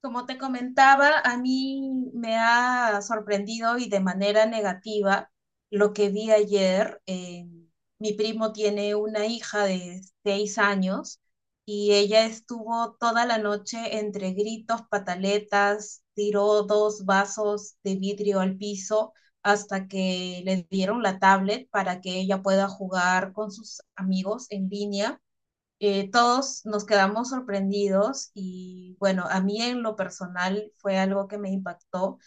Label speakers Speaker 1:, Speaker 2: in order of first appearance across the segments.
Speaker 1: Como te comentaba, a mí me ha sorprendido y de manera negativa lo que vi ayer. Mi primo tiene una hija de 6 años y ella estuvo toda la noche entre gritos, pataletas, tiró dos vasos de vidrio al piso hasta que le dieron la tablet para que ella pueda jugar con sus amigos en línea. Todos nos quedamos sorprendidos y bueno, a mí en lo personal fue algo que me impactó.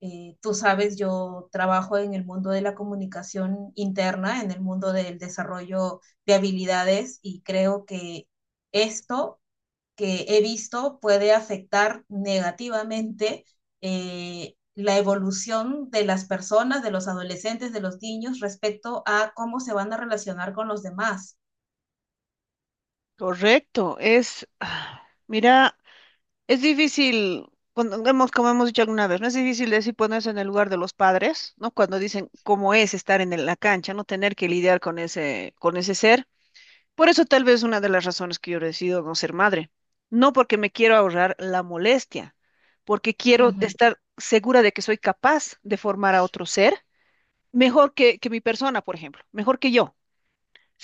Speaker 1: Tú sabes, yo trabajo en el mundo de la comunicación interna, en el mundo del desarrollo de habilidades y creo que esto que he visto puede afectar negativamente, la evolución de las personas, de los adolescentes, de los niños respecto a cómo se van a relacionar con los demás.
Speaker 2: Correcto, mira, es difícil, como hemos dicho alguna vez, no es difícil decir ponerse en el lugar de los padres, ¿no? Cuando dicen cómo es estar en la cancha, no tener que lidiar con ese ser. Por eso tal vez una de las razones que yo decido no ser madre, no porque me quiero ahorrar la molestia, porque quiero
Speaker 1: Ujú.
Speaker 2: estar segura de que soy capaz de formar a otro ser mejor que mi persona, por ejemplo, mejor que yo,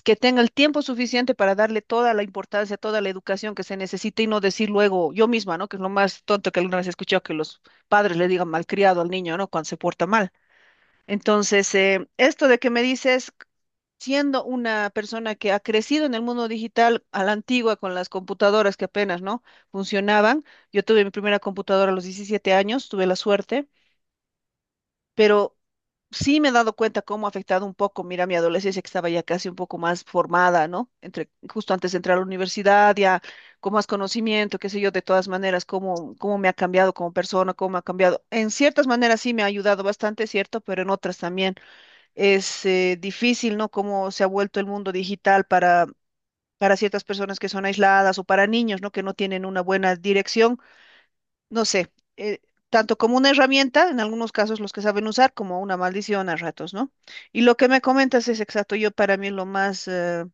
Speaker 2: que tenga el tiempo suficiente para darle toda la importancia, toda la educación que se necesita y no decir luego yo misma, ¿no? Que es lo más tonto que alguna vez he escuchado, que los padres le digan malcriado al niño, ¿no? Cuando se porta mal. Entonces, esto de que me dices, siendo una persona que ha crecido en el mundo digital a la antigua, con las computadoras que apenas, ¿no? Funcionaban. Yo tuve mi primera computadora a los 17 años, tuve la suerte, pero sí me he dado cuenta cómo ha afectado un poco, mira, mi adolescencia, que estaba ya casi un poco más formada, ¿no? Entre, justo antes de entrar a la universidad, ya con más conocimiento, qué sé yo, de todas maneras, cómo, me ha cambiado como persona, cómo me ha cambiado. En ciertas maneras sí me ha ayudado bastante, ¿cierto? Pero en otras también es difícil, ¿no? Cómo se ha vuelto el mundo digital para ciertas personas que son aisladas o para niños, ¿no? Que no tienen una buena dirección, no sé, eh, tanto como una herramienta, en algunos casos los que saben usar, como una maldición a ratos, ¿no? Y lo que me comentas es exacto. Yo, para mí, lo más,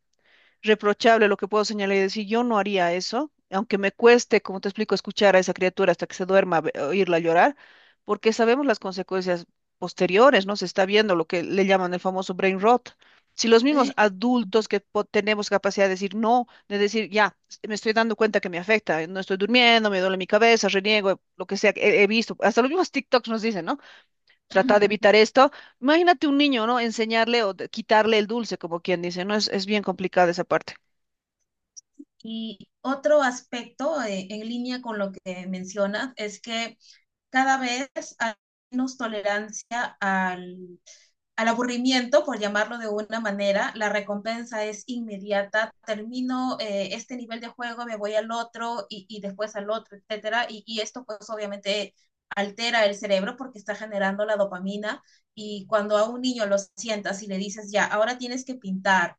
Speaker 2: reprochable, lo que puedo señalar y decir, yo no haría eso, aunque me cueste, como te explico, escuchar a esa criatura hasta que se duerma, oírla llorar, porque sabemos las consecuencias posteriores, ¿no? Se está viendo lo que le llaman el famoso brain rot. Si los mismos adultos, que tenemos capacidad de decir no, de decir, ya, me estoy dando cuenta que me afecta, no estoy durmiendo, me duele mi cabeza, reniego, lo que sea, he visto, hasta los mismos TikToks nos dicen, ¿no? Trata de evitar esto. Imagínate un niño, ¿no? Enseñarle o quitarle el dulce, como quien dice, ¿no? Es bien complicada esa parte.
Speaker 1: Y otro aspecto, en línea con lo que mencionas es que cada vez hay menos tolerancia al aburrimiento, por llamarlo de una manera. La recompensa es inmediata. Termino este nivel de juego, me voy al otro y después al otro, etcétera. Y esto pues obviamente altera el cerebro porque está generando la dopamina y cuando a un niño lo sientas y le dices, ya, ahora tienes que pintar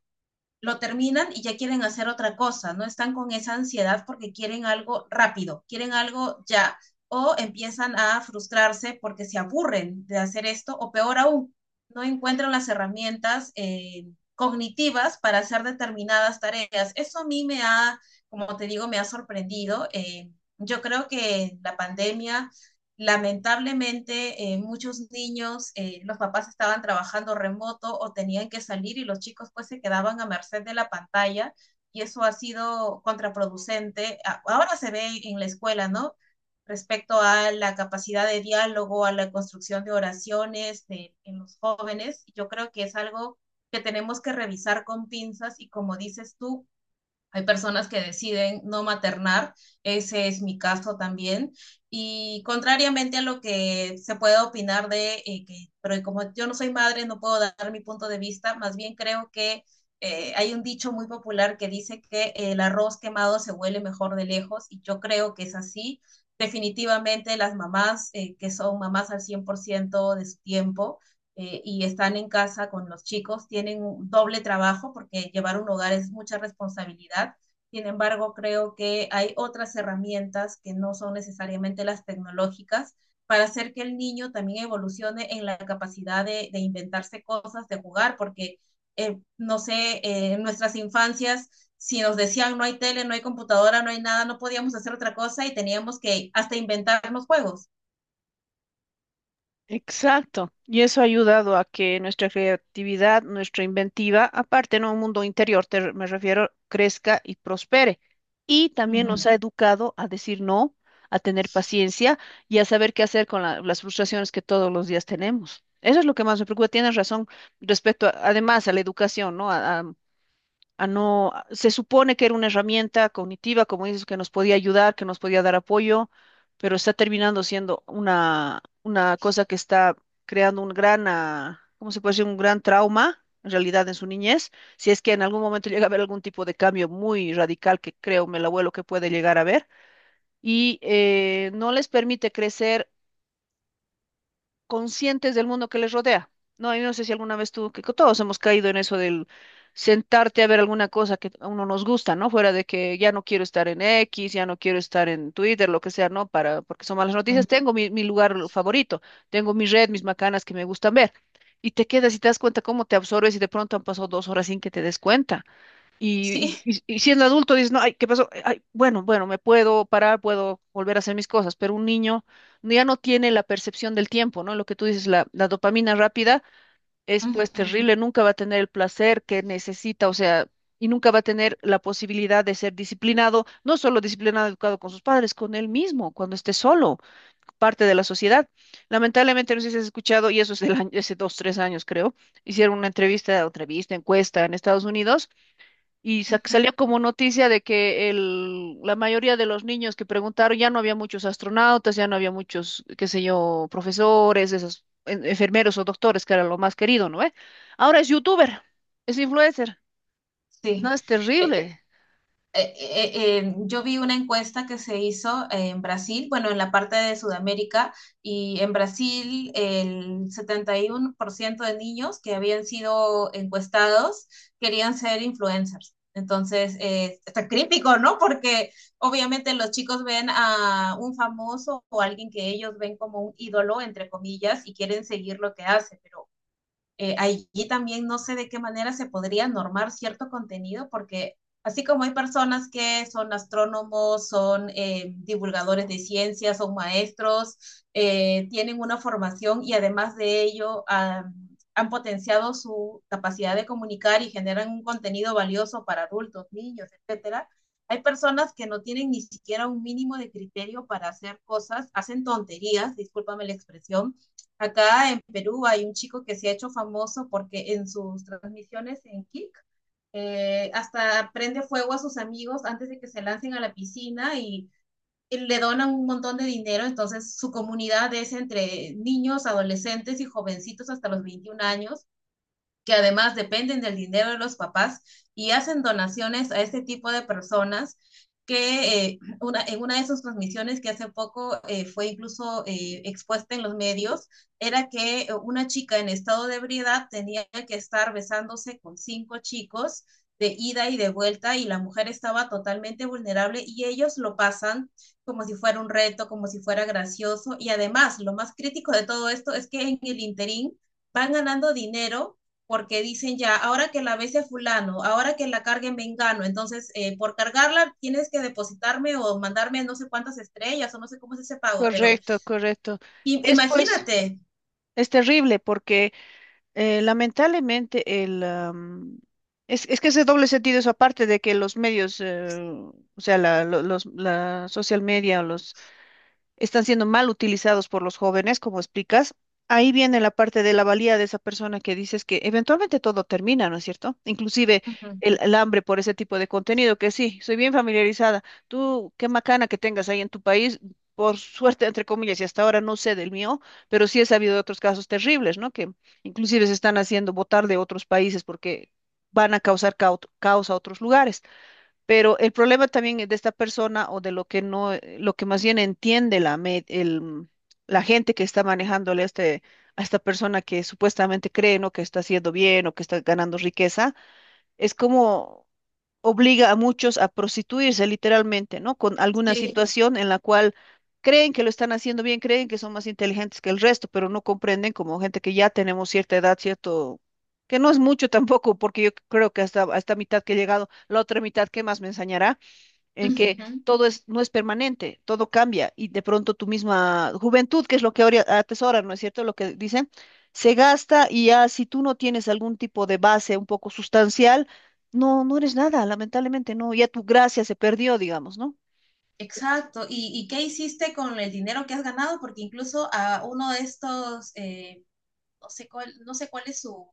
Speaker 1: lo terminan y ya quieren hacer otra cosa, no están con esa ansiedad porque quieren algo rápido, quieren algo ya, o empiezan a frustrarse porque se aburren de hacer esto, o peor aún, no encuentran las herramientas cognitivas para hacer determinadas tareas. Eso a mí me ha, como te digo, me ha sorprendido. Yo creo que la pandemia. Lamentablemente, muchos niños, los papás estaban trabajando remoto o tenían que salir y los chicos pues se quedaban a merced de la pantalla y eso ha sido contraproducente. Ahora se ve en la escuela, ¿no? Respecto a la capacidad de diálogo, a la construcción de oraciones en los jóvenes, yo creo que es algo que tenemos que revisar con pinzas y como dices tú, hay personas que deciden no maternar, ese es mi caso también. Y contrariamente a lo que se puede opinar de que, pero como yo no soy madre, no puedo dar mi punto de vista, más bien creo que hay un dicho muy popular que dice que el arroz quemado se huele mejor de lejos y yo creo que es así. Definitivamente las mamás que son mamás al 100% de su tiempo, y están en casa con los chicos, tienen un doble trabajo porque llevar un hogar es mucha responsabilidad. Sin embargo, creo que hay otras herramientas que no son necesariamente las tecnológicas para hacer que el niño también evolucione en la capacidad de inventarse cosas, de jugar, porque, no sé, en nuestras infancias, si nos decían no hay tele, no hay computadora, no hay nada, no podíamos hacer otra cosa y teníamos que hasta inventarnos juegos.
Speaker 2: Exacto. Y eso ha ayudado a que nuestra creatividad, nuestra inventiva, aparte, en un mundo interior, te me refiero, crezca y prospere. Y también
Speaker 1: Ujú,
Speaker 2: nos ha educado a decir no, a tener paciencia y a saber qué hacer con las frustraciones que todos los días tenemos. Eso es lo que más me preocupa. Tienes razón respecto, además, a la educación, ¿no? Se supone que era una herramienta cognitiva, como dices, que nos podía ayudar, que nos podía dar apoyo, pero está terminando siendo una cosa que está creando un gran, ¿cómo se puede decir? Un gran trauma, en realidad, en su niñez, si es que en algún momento llega a haber algún tipo de cambio muy radical, que creo el abuelo que puede llegar a ver, y no les permite crecer conscientes del mundo que les rodea. No, yo no sé si alguna vez tú, que todos hemos caído en eso del sentarte a ver alguna cosa que a uno nos gusta, ¿no? Fuera de que ya no quiero estar en X, ya no quiero estar en Twitter, lo que sea, ¿no? Porque son malas
Speaker 1: ujú.
Speaker 2: noticias. Tengo mi lugar favorito, tengo mi red, mis macanas que me gustan ver. Y te quedas y te das cuenta cómo te absorbes y de pronto han pasado 2 horas sin que te des cuenta. Y,
Speaker 1: Sí.
Speaker 2: y- y siendo adulto dices, no, ay, ¿qué pasó? Ay, bueno, bueno, me puedo parar, puedo volver a hacer mis cosas, pero un niño ya no tiene la percepción del tiempo, ¿no? Lo que tú dices, la dopamina rápida es pues
Speaker 1: Ujú,
Speaker 2: terrible, nunca va a tener el placer que necesita, o sea, y nunca va a tener la posibilidad de ser disciplinado, no solo disciplinado, educado, con sus padres, con él mismo, cuando esté solo, parte de la sociedad. Lamentablemente, no sé si has escuchado, y eso es del año, hace 2, 3 años creo, hicieron una encuesta en Estados Unidos y
Speaker 1: ujú.
Speaker 2: salió como noticia de que la mayoría de los niños que preguntaron, ya no había muchos astronautas, ya no había muchos, qué sé yo, profesores, esos enfermeros o doctores, que era lo más querido, ¿no? Ahora es youtuber, es influencer.
Speaker 1: Sí,
Speaker 2: No, es
Speaker 1: Eh,
Speaker 2: terrible.
Speaker 1: yo vi una encuesta que se hizo en Brasil, bueno, en la parte de Sudamérica, y en Brasil el 71% de niños que habían sido encuestados querían ser influencers. Entonces, está crítico, ¿no? Porque obviamente los chicos ven a un famoso o alguien que ellos ven como un ídolo, entre comillas, y quieren seguir lo que hace, pero allí también no sé de qué manera se podría normar cierto contenido, porque así como hay personas que son astrónomos, son divulgadores de ciencias, son maestros, tienen una formación y además de ello han potenciado su capacidad de comunicar y generan un contenido valioso para adultos, niños, etcétera. Hay personas que no tienen ni siquiera un mínimo de criterio para hacer cosas, hacen tonterías, discúlpame la expresión. Acá en Perú hay un chico que se ha hecho famoso porque en sus transmisiones en Kick hasta prende fuego a sus amigos antes de que se lancen a la piscina y le donan un montón de dinero. Entonces su comunidad es entre niños, adolescentes y jovencitos hasta los 21 años que además dependen del dinero de los papás y hacen donaciones a este tipo de personas que en una de sus transmisiones que hace poco fue incluso expuesta en los medios, era que una chica en estado de ebriedad tenía que estar besándose con cinco chicos de ida y de vuelta y la mujer estaba totalmente vulnerable y ellos lo pasan como si fuera un reto, como si fuera gracioso y además lo más crítico de todo esto es que en el interín van ganando dinero porque dicen ya, ahora que la bese a fulano, ahora que la carguen vengano, entonces por cargarla tienes que depositarme o mandarme no sé cuántas estrellas o no sé cómo es ese pago, pero
Speaker 2: Correcto, correcto. Es pues,
Speaker 1: imagínate.
Speaker 2: es terrible porque lamentablemente es que ese doble sentido, eso, aparte de que los medios, o sea, la social media, o los están siendo mal utilizados por los jóvenes, como explicas. Ahí viene la parte de la valía de esa persona, que dices que eventualmente todo termina, ¿no es cierto? Inclusive
Speaker 1: Uh -huh.
Speaker 2: el hambre por ese tipo de contenido, que sí, soy bien familiarizada. Tú, qué macana que tengas ahí en tu país, por suerte, entre comillas, y hasta ahora no sé del mío, pero sí he sabido de otros casos terribles, ¿no? Que inclusive se están haciendo votar de otros países porque van a causar caos a otros lugares. Pero el problema también es de esta persona, o de lo que no, lo que más bien entiende la gente que está manejándole a, este, a esta persona, que supuestamente cree, ¿no? Que está haciendo bien, o que está ganando riqueza, es como obliga a muchos a prostituirse literalmente, ¿no? Con alguna, sí,
Speaker 1: Sí.
Speaker 2: situación en la cual creen que lo están haciendo bien, creen que son más inteligentes que el resto, pero no comprenden como gente que ya tenemos cierta edad, cierto, que no es mucho tampoco, porque yo creo que hasta mitad que he llegado, la otra mitad, ¿qué más me enseñará?
Speaker 1: Uh
Speaker 2: En que
Speaker 1: -huh.
Speaker 2: todo es, no es permanente, todo cambia, y de pronto tu misma juventud, que es lo que ahora atesoran, ¿no es cierto? Lo que dicen, se gasta, y ya, si tú no tienes algún tipo de base un poco sustancial, no, no eres nada, lamentablemente no, ya tu gracia se perdió, digamos, ¿no?
Speaker 1: Exacto. ¿Y, qué hiciste con el dinero que has ganado? Porque incluso a uno de estos, no sé cuál es su,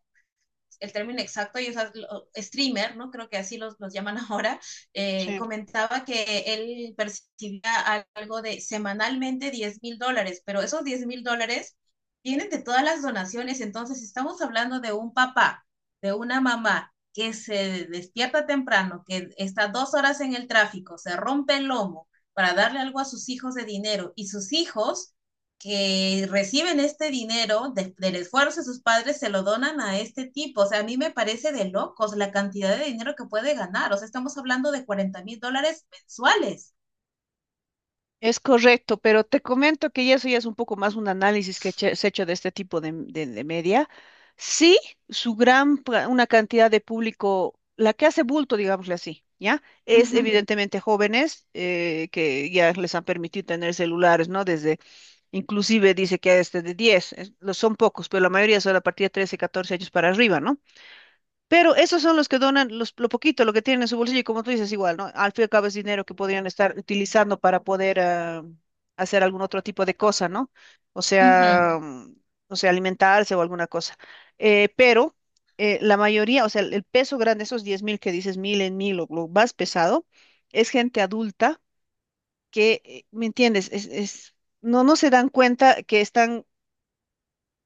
Speaker 1: el término exacto, y o sea, streamer, ¿no? Creo que así los llaman ahora,
Speaker 2: Sí.
Speaker 1: comentaba que él percibía algo de semanalmente 10.000 dólares, pero esos 10.000 dólares vienen de todas las donaciones, entonces si estamos hablando de un papá, de una mamá que se despierta temprano, que está 2 horas en el tráfico, se rompe el lomo para darle algo a sus hijos de dinero y sus hijos que reciben este dinero del esfuerzo de sus padres se lo donan a este tipo. O sea, a mí me parece de locos la cantidad de dinero que puede ganar. O sea, estamos hablando de 40.000 dólares mensuales.
Speaker 2: Es correcto, pero te comento que ya eso ya es un poco más un análisis que se ha hecho de este tipo de media. Sí, su gran, una cantidad de público, la que hace bulto, digámosle así, ¿ya? Es, ujú,
Speaker 1: Ujú,
Speaker 2: evidentemente jóvenes, que ya les han permitido tener celulares, ¿no? Inclusive dice que desde de 10, lo son pocos, pero la mayoría son a partir de 13, 14 años para arriba, ¿no? Pero esos son los que donan lo poquito, lo que tienen en su bolsillo, y como tú dices, igual, ¿no? Al fin y al cabo es dinero que podrían estar utilizando para poder hacer algún otro tipo de cosa, ¿no? O
Speaker 1: ujú.
Speaker 2: sea, mm, o sea, alimentarse o alguna cosa. Pero la mayoría, o sea, el peso grande, esos 10.000 que dices, mil en mil, o lo más pesado, es gente adulta que, ¿me entiendes? No, no se dan cuenta que están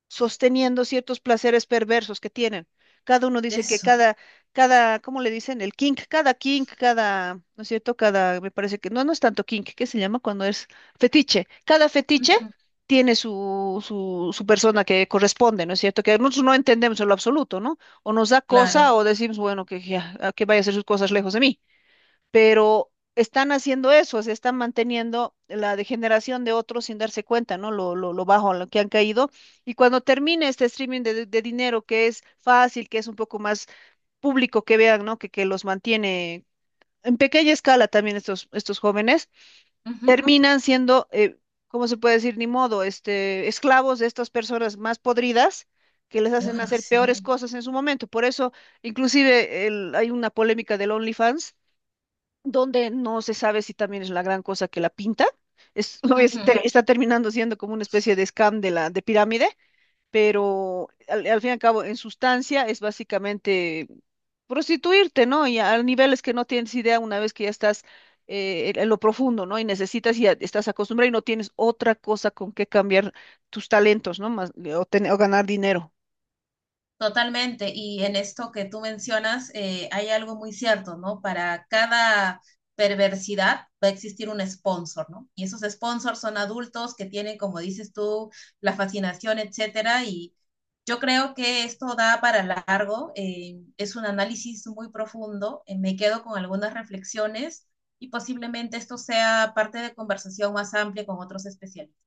Speaker 2: sosteniendo ciertos placeres perversos que tienen. Cada uno dice que
Speaker 1: Eso.
Speaker 2: cada, ¿cómo le dicen? El kink, cada, ¿no es cierto? Cada, me parece que, no, no es tanto kink, ¿qué se llama cuando es fetiche? Cada fetiche
Speaker 1: Ujú.
Speaker 2: tiene su persona que corresponde, ¿no es cierto? Que nosotros no entendemos en lo absoluto, ¿no? O nos da cosa,
Speaker 1: Claro.
Speaker 2: o decimos, bueno, que, ya, que vaya a hacer sus cosas lejos de mí, pero están haciendo eso, se están manteniendo la degeneración de otros sin darse cuenta, ¿no? Lo bajo a lo que han caído. Y cuando termine este streaming de dinero, que es fácil, que es un poco más público que vean, ¿no? Que los mantiene en pequeña escala también estos jóvenes,
Speaker 1: Ujú.
Speaker 2: terminan siendo, ¿cómo se puede decir? Ni modo, este, esclavos de estas personas más podridas, que les hacen
Speaker 1: Ay,
Speaker 2: hacer peores
Speaker 1: sí.
Speaker 2: cosas en su momento. Por eso, inclusive, hay una polémica del OnlyFans, donde no se sabe si también es la gran cosa que la pinta. Es, no es,
Speaker 1: Ujú.
Speaker 2: está terminando siendo como una especie de scam de pirámide, pero al fin y al cabo, en sustancia, es básicamente prostituirte, ¿no? Y a, niveles que no tienes idea, una vez que ya estás en lo profundo, ¿no? Y necesitas, y ya estás acostumbrado, y no tienes otra cosa con que cambiar tus talentos, ¿no? Más, o ganar dinero.
Speaker 1: Totalmente, y en esto que tú mencionas hay algo muy cierto, ¿no? Para cada perversidad va a existir un sponsor, ¿no? Y esos sponsors son adultos que tienen, como dices tú, la fascinación, etcétera, y yo creo que esto da para largo, es un análisis muy profundo, me quedo con algunas reflexiones y posiblemente esto sea parte de conversación más amplia con otros especialistas.